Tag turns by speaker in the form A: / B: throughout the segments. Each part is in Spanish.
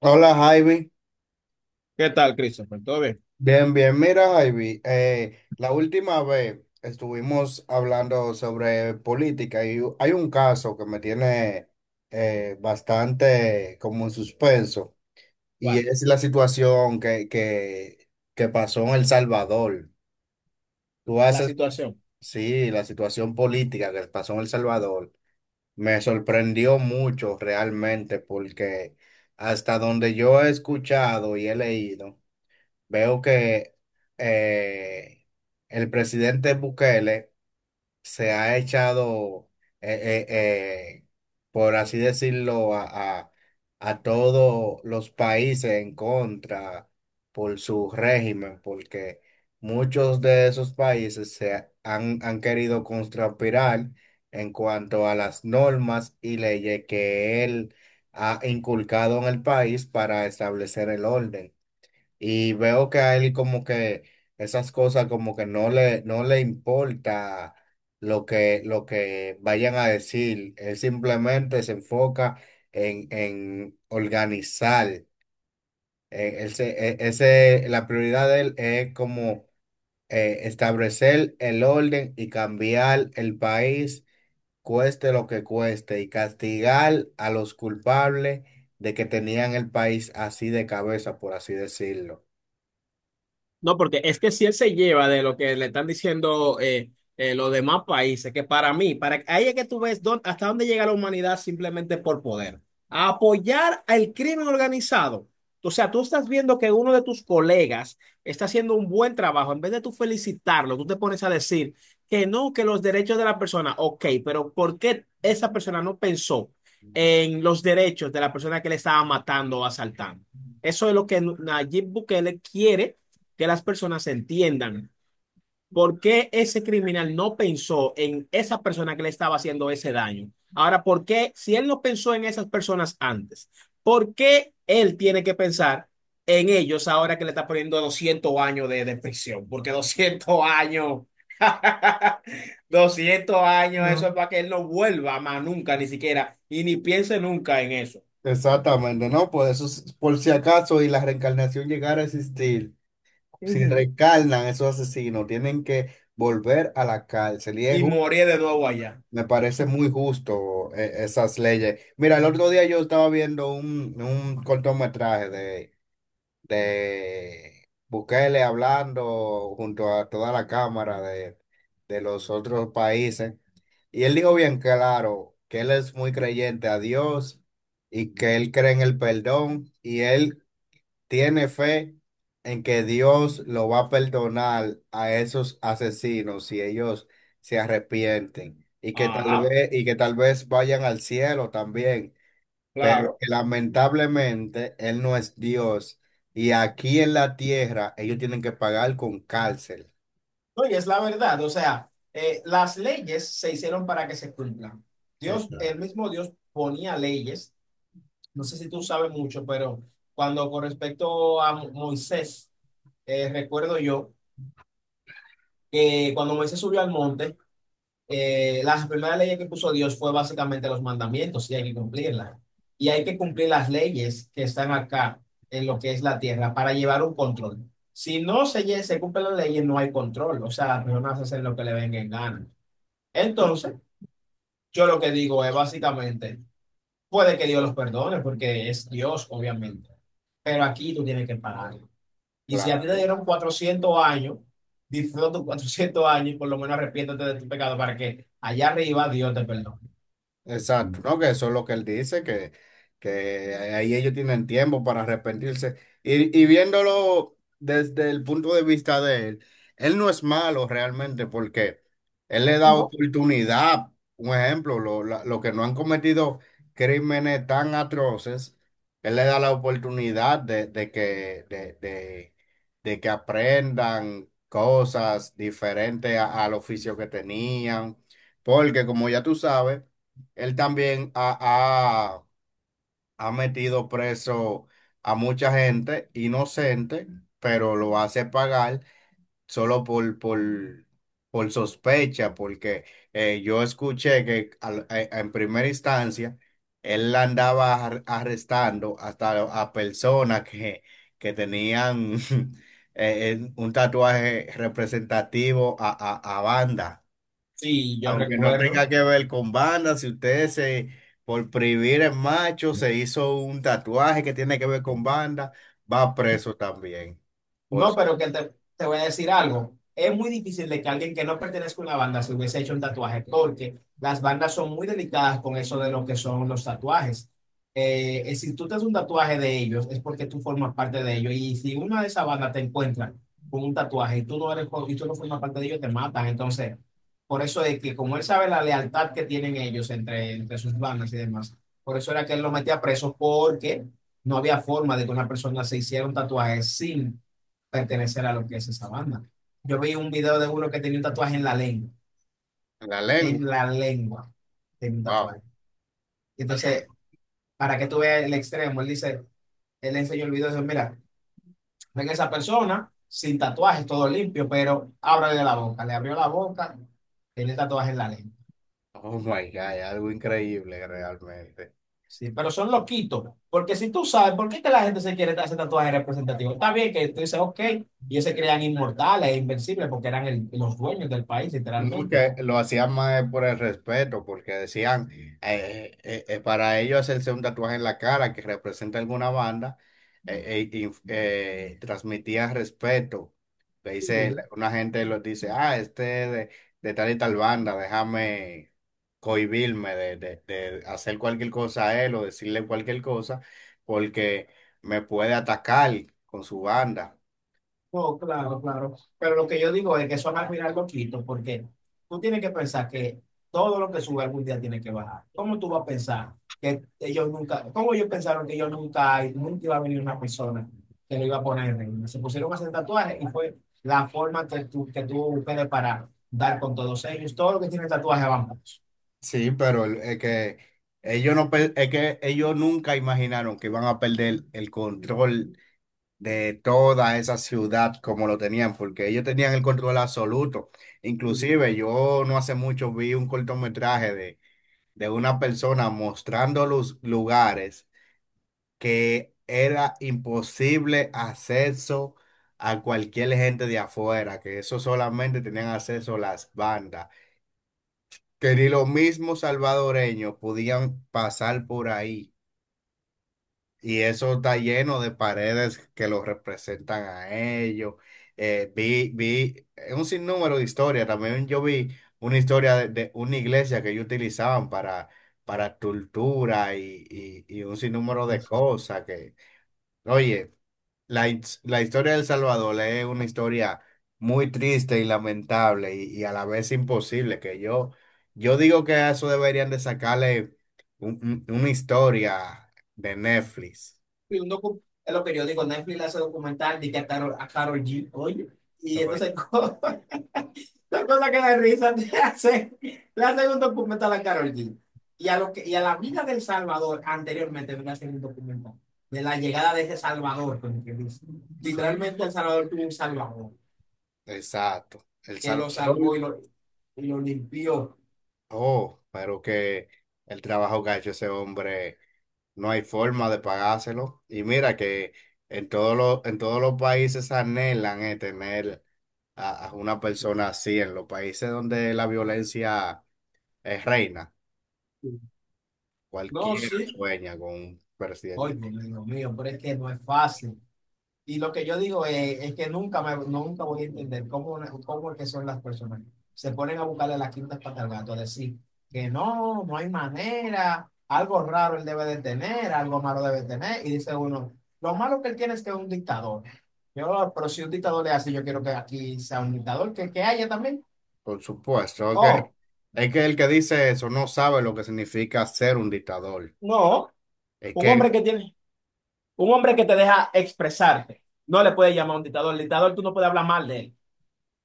A: Hola Javi,
B: ¿Qué tal, Christopher? ¿Todo bien?
A: bien, bien, mira Javi, la última vez estuvimos hablando sobre política y hay un caso que me tiene bastante como en suspenso, y
B: Juan,
A: es la situación que pasó en El Salvador. Tú
B: la
A: haces,
B: situación.
A: sí, la situación política que pasó en El Salvador me sorprendió mucho realmente, porque hasta donde yo he escuchado y he leído. Veo que eh, el presidente Bukele se ha echado, eh, eh, eh, por así decirlo, a todos los países en contra por su régimen, porque muchos de esos países han querido contrapirar en cuanto a las normas y leyes que él ha inculcado en el país para establecer el orden. Y veo que a él como que esas cosas como que no le importa lo que vayan a decir. Él simplemente se enfoca en organizar. La prioridad de él es como establecer el orden y cambiar el país, cueste lo que cueste, y castigar a los culpables de que tenían el país así de cabeza, por así decirlo.
B: No, porque es que si él se lleva de lo que le están diciendo los demás países, que para mí, para ahí es que tú ves dónde- hasta dónde llega la humanidad simplemente por poder. A apoyar al crimen organizado. O sea, tú estás viendo que uno de tus colegas está haciendo un buen trabajo. En vez de tú felicitarlo, tú te pones a decir que no, que los derechos de la persona, ok, pero ¿por qué esa persona no pensó en los derechos de la persona que le estaba matando o asaltando? Eso es lo que Nayib Bukele quiere que las personas entiendan por qué ese criminal no pensó en esa persona que le estaba haciendo ese daño. Ahora, ¿por qué si él no pensó en esas personas antes? ¿Por qué él tiene que pensar en ellos ahora que le está poniendo 200 años de prisión? Porque 200 años, 200 años, no, eso no es para que él no vuelva más nunca, ni siquiera, y ni piense nunca en eso.
A: Exactamente, ¿no? Por eso, es- por si acaso y la reencarnación llegara a existir, si
B: Ujú.
A: reencarnan esos asesinos, tienen que volver a la cárcel. Y es,
B: Y
A: ju-
B: morir de nuevo allá.
A: me parece muy justo esas leyes. Mira, el otro día yo estaba viendo un cortometraje de Bukele hablando junto a toda la cámara de los otros países. Y él dijo bien claro que él es muy creyente a Dios, y que él cree en el perdón y él tiene fe en que Dios lo va a perdonar a esos asesinos si ellos se arrepienten, y que
B: Ah,
A: tal vez vayan al cielo también, pero
B: claro.
A: que lamentablemente él no es Dios y aquí en la tierra ellos tienen que pagar con cárcel.
B: No, y es la verdad, o sea, las leyes se hicieron para que se cumplan. Dios,
A: Claro.
B: el mismo Dios ponía leyes, no sé si tú sabes mucho, pero cuando con respecto a Moisés, recuerdo yo que cuando Moisés subió al monte, las primeras leyes que puso Dios fue básicamente los mandamientos y hay que cumplirlas. Y hay que cumplir las leyes que están acá en lo que es la tierra para llevar un control. Si no se cumplen las leyes, no hay control. O sea, las personas hacen lo que le venga en gana. Entonces, yo lo que digo es básicamente, puede que Dios los perdone porque es Dios, obviamente, pero aquí tú tienes que pagar. Y si a ti te
A: Claro.
B: dieron 400 años, disfruta tus 400 años y por lo menos arrepiéntete de tu pecado para que allá arriba Dios te perdone.
A: Exacto, ¿no? Que eso es lo que él dice, que ahí ellos tienen tiempo para arrepentirse. Y viéndolo desde el punto de vista de él, él no es malo realmente, porque él le da oportunidad, un ejemplo, lo que no han cometido crímenes tan atroces, él le da la oportunidad de que aprendan cosas diferentes al oficio que tenían, porque como ya tú sabes, él también ha, ha- ha metido preso a mucha gente inocente, pero lo hace pagar solo por sospecha, porque yo escuché que en primera instancia él la andaba arrestando hasta a personas que tenían un tatuaje representativo a banda.
B: Sí, yo
A: Aunque no
B: recuerdo.
A: tenga que ver con banda, si usted se, por prohibir el macho, se hizo un tatuaje que tiene que ver con banda, va preso también. Por
B: No, pero que te voy a decir algo. Es muy difícil de que alguien que no pertenezca a una banda se hubiese hecho un tatuaje, porque las bandas son muy delicadas con eso de lo que son los tatuajes. Si tú te haces un tatuaje de ellos, es porque tú formas parte de ellos. Y si una de esas bandas te encuentra con un tatuaje y tú no eres, y tú no formas parte de ellos, te matan. Entonces, por eso es que como él sabe la lealtad que tienen ellos entre sus bandas y demás, por eso era que él lo metía preso, porque no había forma de que una persona se hiciera un tatuaje sin pertenecer a lo que es esa banda. Yo vi un video de uno que tenía un tatuaje
A: la lengua.
B: en la lengua tenía un
A: Wow.
B: tatuaje. Entonces, para que tú veas el extremo, él dice, él le enseñó el video y dice, mira, ven esa persona sin tatuajes, todo limpio, pero ábrale la boca, le abrió la boca, tiene tatuaje en la lengua.
A: Oh my God, algo increíble realmente.
B: Sí, pero son loquitos, porque si tú sabes por qué es que la gente se quiere hacer tatuajes representativos, está bien que tú dices, ok, y ellos se crean inmortales e invencibles porque eran los dueños del país,
A: No,
B: literalmente.
A: que lo hacían más por el respeto, porque decían, para ellos hacerse un tatuaje en la cara que representa alguna banda, transmitía respeto. Le dice,
B: Sí,
A: una gente lo dice, ah, este es de tal y tal banda, déjame cohibirme de hacer cualquier cosa a él o decirle cualquier cosa, porque me puede atacar con su banda.
B: no, claro, claro. Pero lo que yo digo es que eso va a mirar loquito, porque tú tienes que pensar que todo lo que sube algún día tiene que bajar. ¿Cómo tú vas a pensar que ellos nunca, cómo ellos pensaron que ellos nunca, nunca iba a venir una persona que lo iba a poner en ring? Se pusieron a hacer tatuajes y fue la forma que que tú busques para dar con todos ellos. Todo lo que tiene tatuajes
A: Sí, pero es que ellos no per- es que ellos nunca imaginaron que iban a perder el control de toda esa ciudad como lo tenían, porque ellos tenían el control absoluto.
B: van.
A: Inclusive yo no hace mucho vi un cortometraje de una persona mostrando los lugares que era imposible acceso a cualquier gente de afuera, que eso solamente tenían acceso las bandas, que ni los mismos salvadoreños podían pasar por ahí. Y eso está lleno de paredes que los representan a ellos. Vi un sinnúmero de historias. También yo vi una historia de una iglesia que ellos utilizaban para tortura y un sinnúmero de cosas que, oye. La historia de El Salvador es una historia muy triste y lamentable y a la vez imposible, que yo digo que a eso deberían de sacarle una historia de Netflix.
B: Vi un en los periódicos Netflix le hace documental de que a Carol, a Karol G, oye, y entonces
A: Oye,
B: la cosa que da risa. Le hacen un documental a Carol G. Y a, lo que, y a la vida del Salvador anteriormente le hacen un documental de la llegada de ese Salvador, como que dice.
A: sí,
B: Literalmente el Salvador tuvo un Salvador
A: exacto. El
B: que lo salvó y
A: Salvador,
B: lo, y lo limpió.
A: oh, pero que el trabajo que ha hecho ese hombre. No hay forma de pagárselo. Y mira que en todos en todos los países anhelan tener a una persona así. En los países donde la violencia es reina,
B: No,
A: cualquiera
B: sí.
A: sueña con un
B: Oye,
A: presidente.
B: Dios mío, pero es que no es fácil. Y lo que yo digo es que nunca, nunca voy a entender cómo, cómo es que son las personas. Se ponen a buscarle las quintas patas al gato, a decir que no, no hay manera, algo raro él debe de tener, algo malo debe de tener. Y dice uno, lo malo que él tiene es que es un dictador. Yo, pero si un dictador le hace, yo quiero que aquí sea un dictador, que haya también.
A: Por supuesto,
B: Oh,
A: es que el que dice eso no sabe lo que significa ser un dictador.
B: no,
A: Es
B: un
A: que
B: hombre que tiene, un hombre que te deja expresarte, no le puedes llamar a un dictador. El dictador tú no puedes hablar mal de él,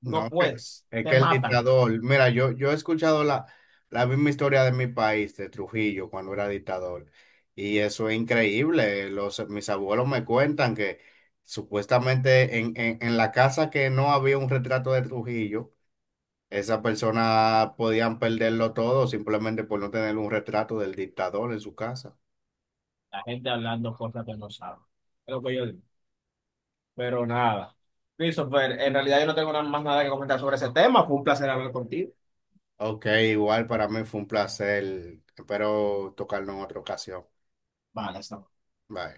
B: no
A: no, que-
B: puedes,
A: es
B: te
A: que el
B: matan.
A: dictador, mira, yo he escuchado la misma historia de mi país, de Trujillo, cuando era dictador, y eso es increíble. Los, mis abuelos me cuentan que supuestamente en la casa que no había un retrato de Trujillo, esas personas podían perderlo todo simplemente por no tener un retrato del dictador en su casa.
B: La gente hablando cosas que no sabe. Es lo que yo digo. Pero nada. Christopher, en realidad yo no tengo nada más nada que comentar sobre ese tema. Fue un placer hablar contigo.
A: Ok, igual para mí fue un placer, espero tocarlo en otra ocasión.
B: Vale, hasta luego.
A: Bye.